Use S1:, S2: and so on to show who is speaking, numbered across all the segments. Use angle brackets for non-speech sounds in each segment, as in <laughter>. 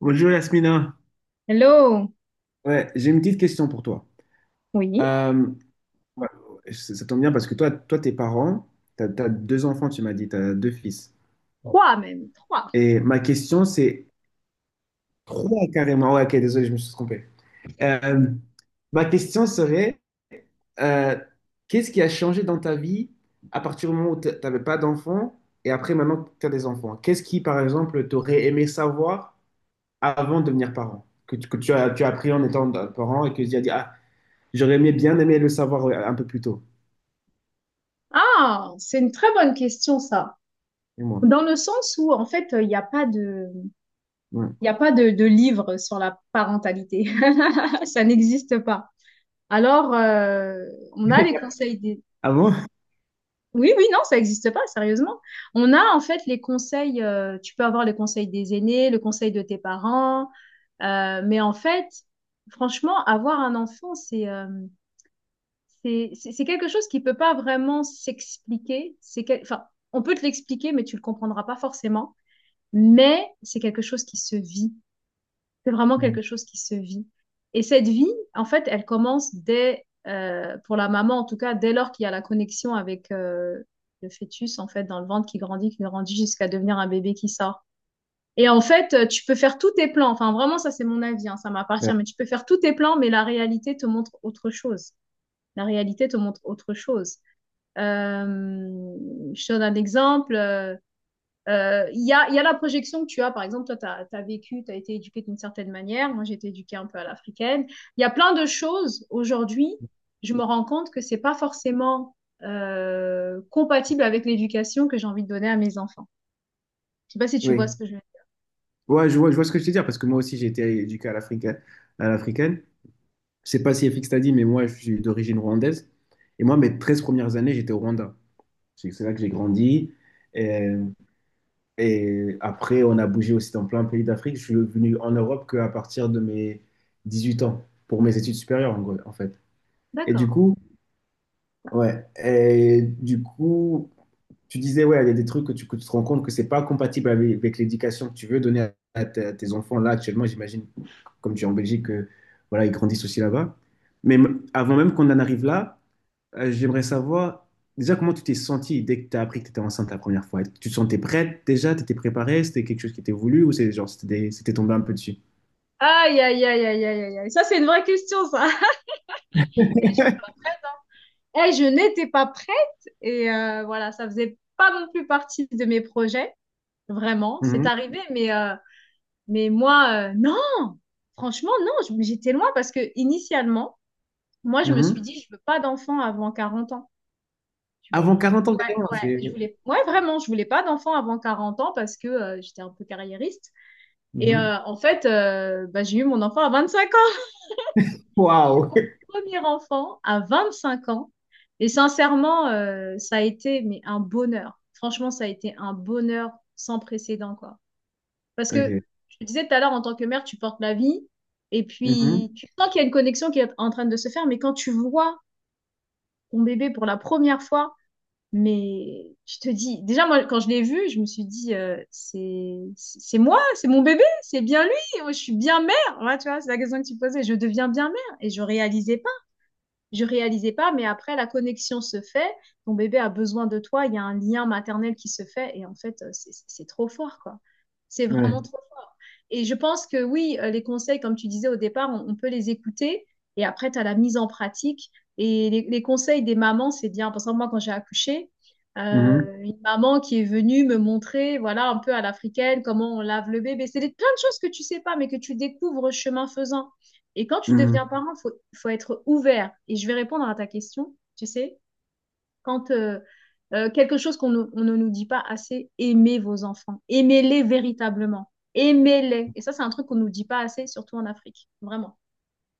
S1: Bonjour Yasmina.
S2: Hello,
S1: Ouais, j'ai une petite question pour toi.
S2: oui,
S1: Euh, ouais, ça tombe bien parce que toi, tes parents, t'as deux enfants, tu m'as dit, t'as deux fils.
S2: trois même, trois.
S1: Et ma question, c'est trois carrément. Ouais, ok, désolé, je me suis trompé. Euh, ma question serait, euh, qu'est-ce qui a changé dans ta vie à partir du moment où t'avais pas d'enfants et après maintenant que t'as des enfants? Qu'est-ce qui, par exemple, t'aurais aimé savoir avant de devenir parent? Que tu as appris en étant parent et que tu as dit, ah, J'aurais bien aimé le savoir un peu plus tôt.
S2: Ah, c'est une très bonne question ça.
S1: Et moi.
S2: Dans le sens où en fait
S1: Ouais.
S2: il y a pas de livre sur la parentalité, <laughs> ça n'existe pas. Alors on a les
S1: <laughs>
S2: conseils des,
S1: Ah bon?
S2: oui, oui, non, ça n'existe pas sérieusement. On a en fait les conseils, tu peux avoir les conseils des aînés, le conseil de tes parents, mais en fait franchement avoir un enfant c'est quelque chose qui ne peut pas vraiment s'expliquer. Enfin, on peut te l'expliquer, mais tu ne le comprendras pas forcément. Mais c'est quelque chose qui se vit. C'est vraiment
S1: Mhm.
S2: quelque chose qui se vit. Et cette vie, en fait, elle commence dès, pour la maman en tout cas, dès lors qu'il y a la connexion avec le fœtus, en fait, dans le ventre qui grandit jusqu'à devenir un bébé qui sort. Et en fait, tu peux faire tous tes plans. Enfin, vraiment, ça, c'est mon avis, hein, ça m'appartient.
S1: Ouais.
S2: Mais tu peux faire tous tes plans, mais la réalité te montre autre chose. La réalité te montre autre chose. Euh, je te donne un exemple. Il y a la projection que tu as. Par exemple, toi, tu as été éduqué d'une certaine manière. Moi, j'ai été éduquée un peu à l'africaine. Il y a plein de choses. Aujourd'hui, je me rends compte que c'est pas forcément compatible avec l'éducation que j'ai envie de donner à mes enfants. Je sais pas si tu vois
S1: Oui.
S2: ce que je veux dire.
S1: Ouais, je vois ce que je veux dire parce que moi aussi j'ai été éduqué à l'africaine. À l'africaine. Je sais pas si FX t'a dit, mais moi je suis d'origine rwandaise. Et moi, mes 13 premières années, j'étais au Rwanda. C'est là que j'ai grandi. Et, et après, on a bougé aussi dans plein de pays d'Afrique. Je suis venu en Europe qu'à partir de mes 18 ans pour mes études supérieures, en gros, en fait. Et du
S2: D'accord.
S1: coup, ouais. Et du coup, tu disais, ouais, il y a des trucs que tu te rends compte que c'est pas compatible avec l'éducation que tu veux donner à tes enfants là actuellement. J'imagine, comme tu es en Belgique, que, voilà, ils grandissent aussi là-bas. Mais avant même qu'on en arrive là, j'aimerais savoir déjà comment tu t'es sentie dès que tu as appris que tu étais enceinte la première fois. Tu te sentais prête déjà? Tu étais préparée? C'était quelque chose qui était voulu ou c'est genre, c'était tombé un peu dessus?
S2: Aïe, aïe, aïe, aïe, aïe, aïe. Aïe. Ça, c'est une vraie question, ça. <laughs> Eh, j'étais pas prête, hein. Eh, je n'étais pas prête et voilà, ça faisait pas non plus partie de mes projets. Vraiment, c'est
S1: Mhm,
S2: arrivé, mais moi, non, franchement, non, j'étais loin parce que initialement, moi, je me suis
S1: mhm.
S2: dit, je veux pas d'enfant avant 40 ans, tu vois.
S1: Avant 40 ans,
S2: Ouais,
S1: carrément,
S2: ouais,
S1: c'est.
S2: ouais, vraiment, je voulais pas d'enfant avant 40 ans parce que j'étais un peu carriériste.
S1: Mhm.
S2: En fait, bah, j'ai eu mon enfant à 25 ans. J'ai eu
S1: Waouh!
S2: mon
S1: <laughs>
S2: premier enfant à 25 ans. Et sincèrement, ça a été mais un bonheur. Franchement, ça a été un bonheur sans précédent, quoi. Parce que
S1: Ok.
S2: je te disais tout à l'heure, en tant que mère, tu portes la vie et
S1: Mhm,
S2: puis tu sens qu'il y a une connexion qui est en train de se faire, mais quand tu vois ton bébé pour la première fois, mais tu te dis, déjà moi, quand je l'ai vu, je me suis dit, c'est moi, c'est mon bébé, c'est bien lui, moi, je suis bien mère. Voilà, tu vois, c'est la question que tu posais, je deviens bien mère et je réalisais pas, mais après, la connexion se fait. Ton bébé a besoin de toi. Il y a un lien maternel qui se fait. Et en fait, c'est trop fort, quoi. C'est
S1: ouais.
S2: vraiment trop fort. Et je pense que oui, les conseils, comme tu disais au départ, on peut les écouter. Et après, tu as la mise en pratique. Et les conseils des mamans, c'est bien. Par exemple, moi, quand j'ai accouché,
S1: Mhm,
S2: une maman qui est venue me montrer, voilà, un peu à l'africaine, comment on lave le bébé. Plein de choses que tu sais pas, mais que tu découvres chemin faisant. Et quand tu deviens
S1: mhm.
S2: parent, il faut être ouvert. Et je vais répondre à ta question, tu sais, quand quelque chose qu'on ne nous dit pas assez, aimez vos enfants, aimez-les véritablement, aimez-les. Et ça, c'est un truc qu'on ne nous dit pas assez, surtout en Afrique, vraiment.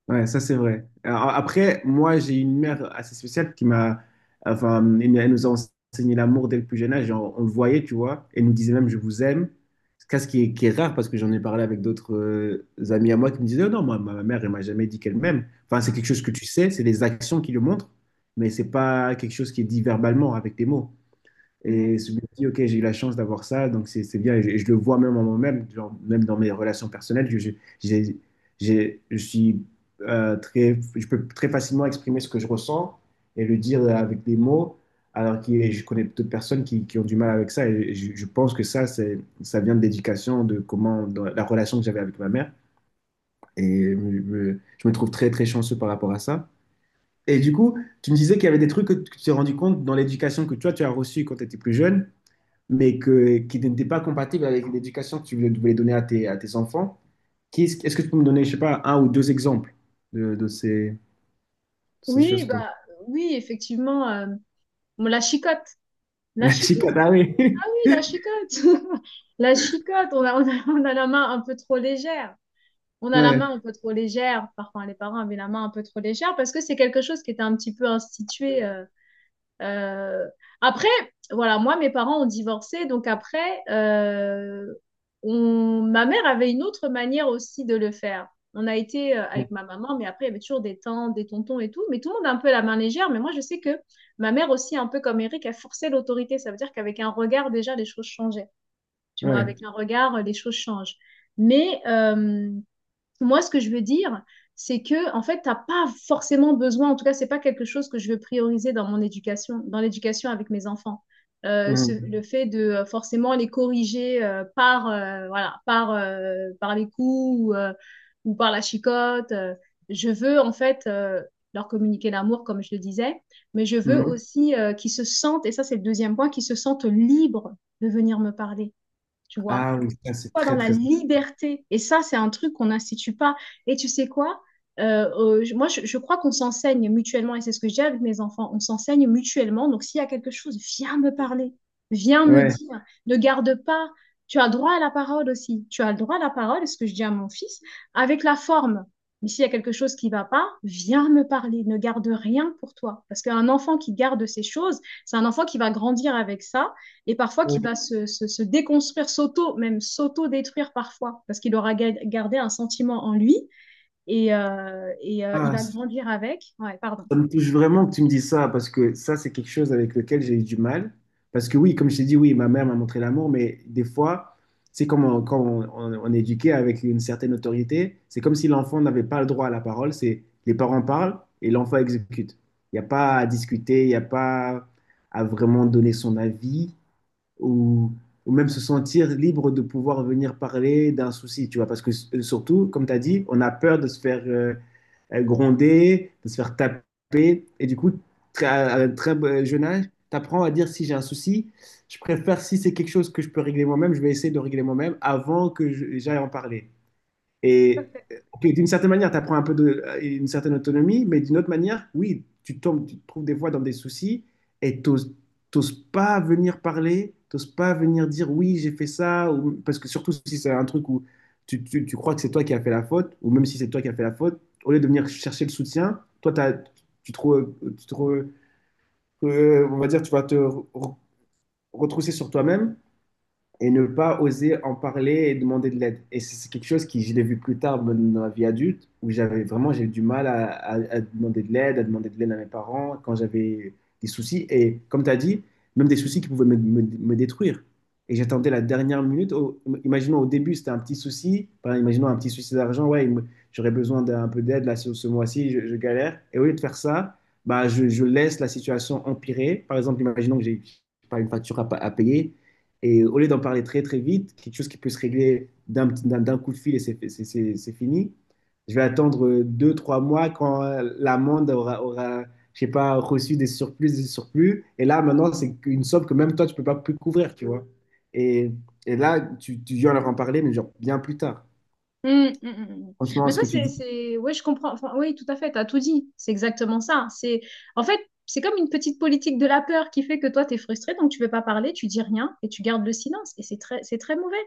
S1: Ouais, ça c'est vrai. Après, moi j'ai une mère assez spéciale qui m'a, enfin, elle nous a enseigné l'amour dès le plus jeune âge. On le voyait, tu vois. Elle nous disait même je vous aime. C'est ce qui est rare parce que j'en ai parlé avec d'autres amis à moi qui me disaient, oh non, moi, ma mère elle m'a jamais dit qu'elle m'aime. Enfin, c'est quelque chose que tu sais, c'est les actions qui le montrent, mais c'est pas quelque chose qui est dit verbalement avec tes mots.
S2: Ouais.
S1: Et je me dis, ok, j'ai eu la chance d'avoir ça, donc c'est bien. Et je le vois même en moi-même, genre, même dans mes relations personnelles, j'ai- j'ai- je suis je peux très facilement exprimer ce que je ressens et le dire avec des mots, alors que je connais d'autres personnes qui ont du mal avec ça. Et je pense que ça vient de l'éducation, de comment, de la relation que j'avais avec ma mère. Et je me trouve très, très chanceux par rapport à ça. Et du coup, tu me disais qu'il y avait des trucs que tu t'es rendu compte dans l'éducation que toi, tu as reçue quand tu étais plus jeune mais qui n'était pas compatible avec l'éducation que tu voulais donner à tes, enfants. Quest ce est-ce que tu peux me donner, je sais pas, un ou deux exemples de ces
S2: Oui,
S1: choses dont...
S2: bah oui, effectivement. Bon,
S1: <laughs>
S2: la
S1: La
S2: chicotte,
S1: chicane, ah oui.
S2: ah oui, la
S1: <laughs>
S2: chicotte, <laughs> la chicotte, on a la main un peu trop légère. On a la main
S1: Ouais,
S2: un peu trop légère, parfois les parents avaient la main un peu trop légère parce que c'est quelque chose qui était un petit peu institué. Euh. Après, voilà, moi, mes parents ont divorcé, donc après, ma mère avait une autre manière aussi de le faire. On a été avec ma maman, mais après, il y avait toujours des tantes, des tontons et tout, mais tout le monde a un peu la main légère. Mais moi, je sais que ma mère aussi, un peu comme Eric, a forcé l'autorité. Ça veut dire qu'avec un regard, déjà, les choses changeaient. Tu vois,
S1: ouais.
S2: avec un regard, les choses changent. Mais moi, ce que je veux dire, c'est que, en fait, t'as pas forcément besoin, en tout cas, c'est pas quelque chose que je veux prioriser dans mon éducation, dans l'éducation avec mes enfants. Euh, ce- le
S1: Mhm.
S2: fait de forcément les corriger par les coups ou par la chicotte. Je veux, en fait, leur communiquer l'amour, comme je le disais, mais je veux
S1: Mhm.
S2: aussi qu'ils se sentent, et ça, c'est le deuxième point, qu'ils se sentent libres de venir me parler, tu vois,
S1: Ah oui, ça
S2: qui
S1: c'est
S2: soient dans
S1: très
S2: la
S1: très...
S2: liberté. Et ça, c'est un truc qu'on n'institue pas. Et tu sais quoi? Moi, je crois qu'on s'enseigne mutuellement, et c'est ce que j'ai avec mes enfants, on s'enseigne mutuellement. Donc, s'il y a quelque chose, viens me parler, viens me
S1: Ouais.
S2: dire, ne garde pas. Tu as droit à la parole aussi. Tu as le droit à la parole, c'est ce que je dis à mon fils, avec la forme. Mais s'il y a quelque chose qui ne va pas, viens me parler, ne garde rien pour toi. Parce qu'un enfant qui garde ces choses, c'est un enfant qui va grandir avec ça et parfois
S1: Ouais.
S2: qui va se déconstruire, même s'auto-détruire parfois, parce qu'il aura gardé un sentiment en lui et il
S1: Ah,
S2: va grandir avec. Ouais, pardon.
S1: ça me touche vraiment que tu me dises ça, parce que ça, c'est quelque chose avec lequel j'ai eu du mal. Parce que oui, comme je t'ai dit, oui, ma mère m'a montré l'amour, mais des fois, c'est comme quand on est éduqué avec une certaine autorité, c'est comme si l'enfant n'avait pas le droit à la parole, c'est les parents parlent et l'enfant exécute. Il n'y a pas à discuter, il n'y a pas à vraiment donner son avis ou, ou même se sentir libre de pouvoir venir parler d'un souci, tu vois. Parce que surtout, comme tu as dit, on a peur de se faire gronder, de se faire taper. Et du coup, à un très jeune âge, tu apprends à dire si j'ai un souci, je préfère si c'est quelque chose que je peux régler moi-même, je vais essayer de régler moi-même avant que j'aille en parler. Et puis, d'une certaine manière, tu apprends un peu de, une certaine autonomie, mais d'une autre manière, oui, tu tombes, tu te trouves des fois dans des soucis et t'oses pas venir parler, t'oses pas venir dire oui, j'ai fait ça, ou, parce que surtout si c'est un truc où tu crois que c'est toi qui as fait la faute, ou même si c'est toi qui as fait la faute, au lieu de venir chercher le soutien, toi, tu te, re- tu te re- on va dire, tu vas te retrousser sur toi-même et ne pas oser en parler et demander de l'aide. Et c'est quelque chose qui, je l'ai vu plus tard même dans la vie adulte, où j'avais vraiment, j'ai eu du mal à demander de l'aide, à demander de l'aide à mes parents quand j'avais des soucis. Et comme tu as dit, même des soucis qui pouvaient me détruire. Et j'attendais la dernière minute. Imaginons au début, c'était un petit souci. Par exemple, imaginons un petit souci d'argent. Ouais, j'aurais besoin d'un peu d'aide là ce mois-ci, je galère. Et au lieu de faire ça, bah, je laisse la situation empirer. Par exemple, imaginons que j'ai pas une facture à payer et au lieu d'en parler très très vite, quelque chose qui peut se régler d'un coup de fil et c'est fini, je vais attendre deux, trois mois quand l'amende aura, je sais pas, reçu des surplus, des surplus. Et là, maintenant, c'est une somme que même toi, tu peux pas plus couvrir, tu vois. Et, et là, tu viens leur en parler, mais genre bien plus tard.
S2: Mm, mm, mm, mm.
S1: Franchement,
S2: Mais
S1: ce
S2: ça,
S1: que tu dis.
S2: c'est... Ouais, je comprends. Enfin, oui, tout à fait, t'as tout dit. C'est exactement ça. C'est... En fait, c'est comme une petite politique de la peur qui fait que toi, t'es frustré, donc tu veux pas parler, tu dis rien et tu gardes le silence. Et c'est très mauvais.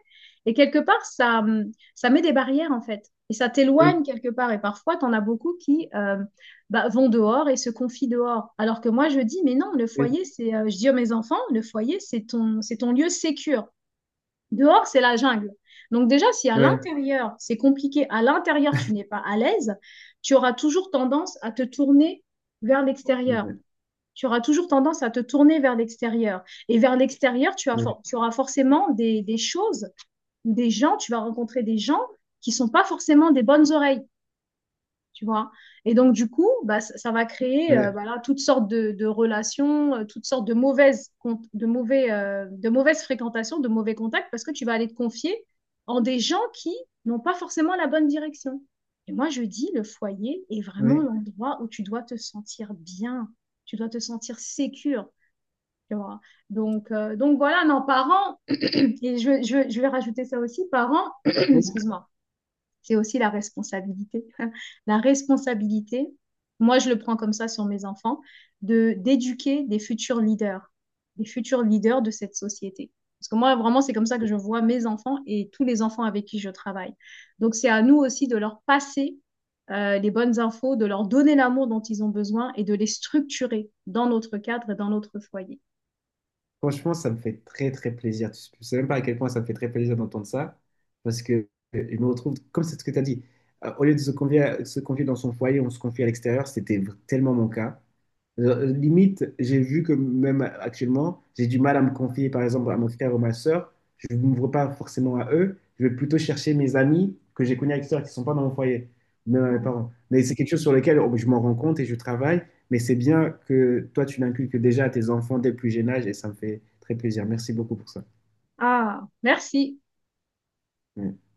S2: Et quelque part, ça met des barrières, en fait. Et ça
S1: Oui,
S2: t'éloigne quelque part. Et parfois, t'en as beaucoup qui bah, vont dehors et se confient dehors. Alors que moi, je dis, mais non, le
S1: oui,
S2: foyer, je dis à mes enfants, le foyer, c'est ton lieu sécure. Dehors, c'est la jungle. Donc déjà, si à
S1: ouais,
S2: l'intérieur, c'est compliqué, à l'intérieur, tu n'es pas à l'aise, tu auras toujours tendance à te tourner vers l'extérieur.
S1: ouais,
S2: Tu auras toujours tendance à te tourner vers l'extérieur. Et vers l'extérieur, tu,
S1: ouais,
S2: for- tu auras forcément des choses, des gens, tu vas rencontrer des gens qui ne sont pas forcément des bonnes oreilles, tu vois. Et donc, du coup, bah, ça va créer
S1: ouais.
S2: voilà, toutes sortes de relations, toutes sortes de mauvaises, con- de mauvais, de mauvaises fréquentations, de mauvais contacts, parce que tu vas aller te confier en des gens qui n'ont pas forcément la bonne direction. Et moi, je dis, le foyer est vraiment
S1: Oui.
S2: l'endroit où tu dois te sentir bien, tu dois te sentir sécure, tu vois. Donc, voilà, non, parents, et je vais rajouter ça aussi, parents, <clears throat>
S1: Oui.
S2: excuse-moi, c'est aussi la responsabilité. <laughs> La responsabilité, moi je le prends comme ça sur mes enfants, de d'éduquer des futurs leaders de cette société. Parce que moi, vraiment, c'est comme ça que je vois mes enfants et tous les enfants avec qui je travaille. Donc, c'est à nous aussi de leur passer les bonnes infos, de leur donner l'amour dont ils ont besoin et de les structurer dans notre cadre et dans notre foyer.
S1: Franchement, ça me fait très très plaisir. Tu ne sais même pas à quel point ça me fait très plaisir d'entendre ça, parce que je me retrouve, comme c'est ce que tu as dit, au lieu de se confier, se confier dans son foyer, on se confie à l'extérieur, c'était tellement mon cas. Limite, j'ai vu que même actuellement, j'ai du mal à me confier, par exemple, à mon frère ou ma soeur. Je ne m'ouvre pas forcément à eux. Je vais plutôt chercher mes amis que j'ai connus à l'extérieur qui ne sont pas dans mon foyer, même à mes
S2: Ouais.
S1: parents. Mais c'est quelque chose sur lequel oh, je m'en rends compte et je travaille. Mais c'est bien que toi, tu l'inculques déjà à tes enfants dès le plus jeune âge et ça me fait très plaisir. Merci beaucoup pour ça.
S2: Ah, merci.
S1: Mm.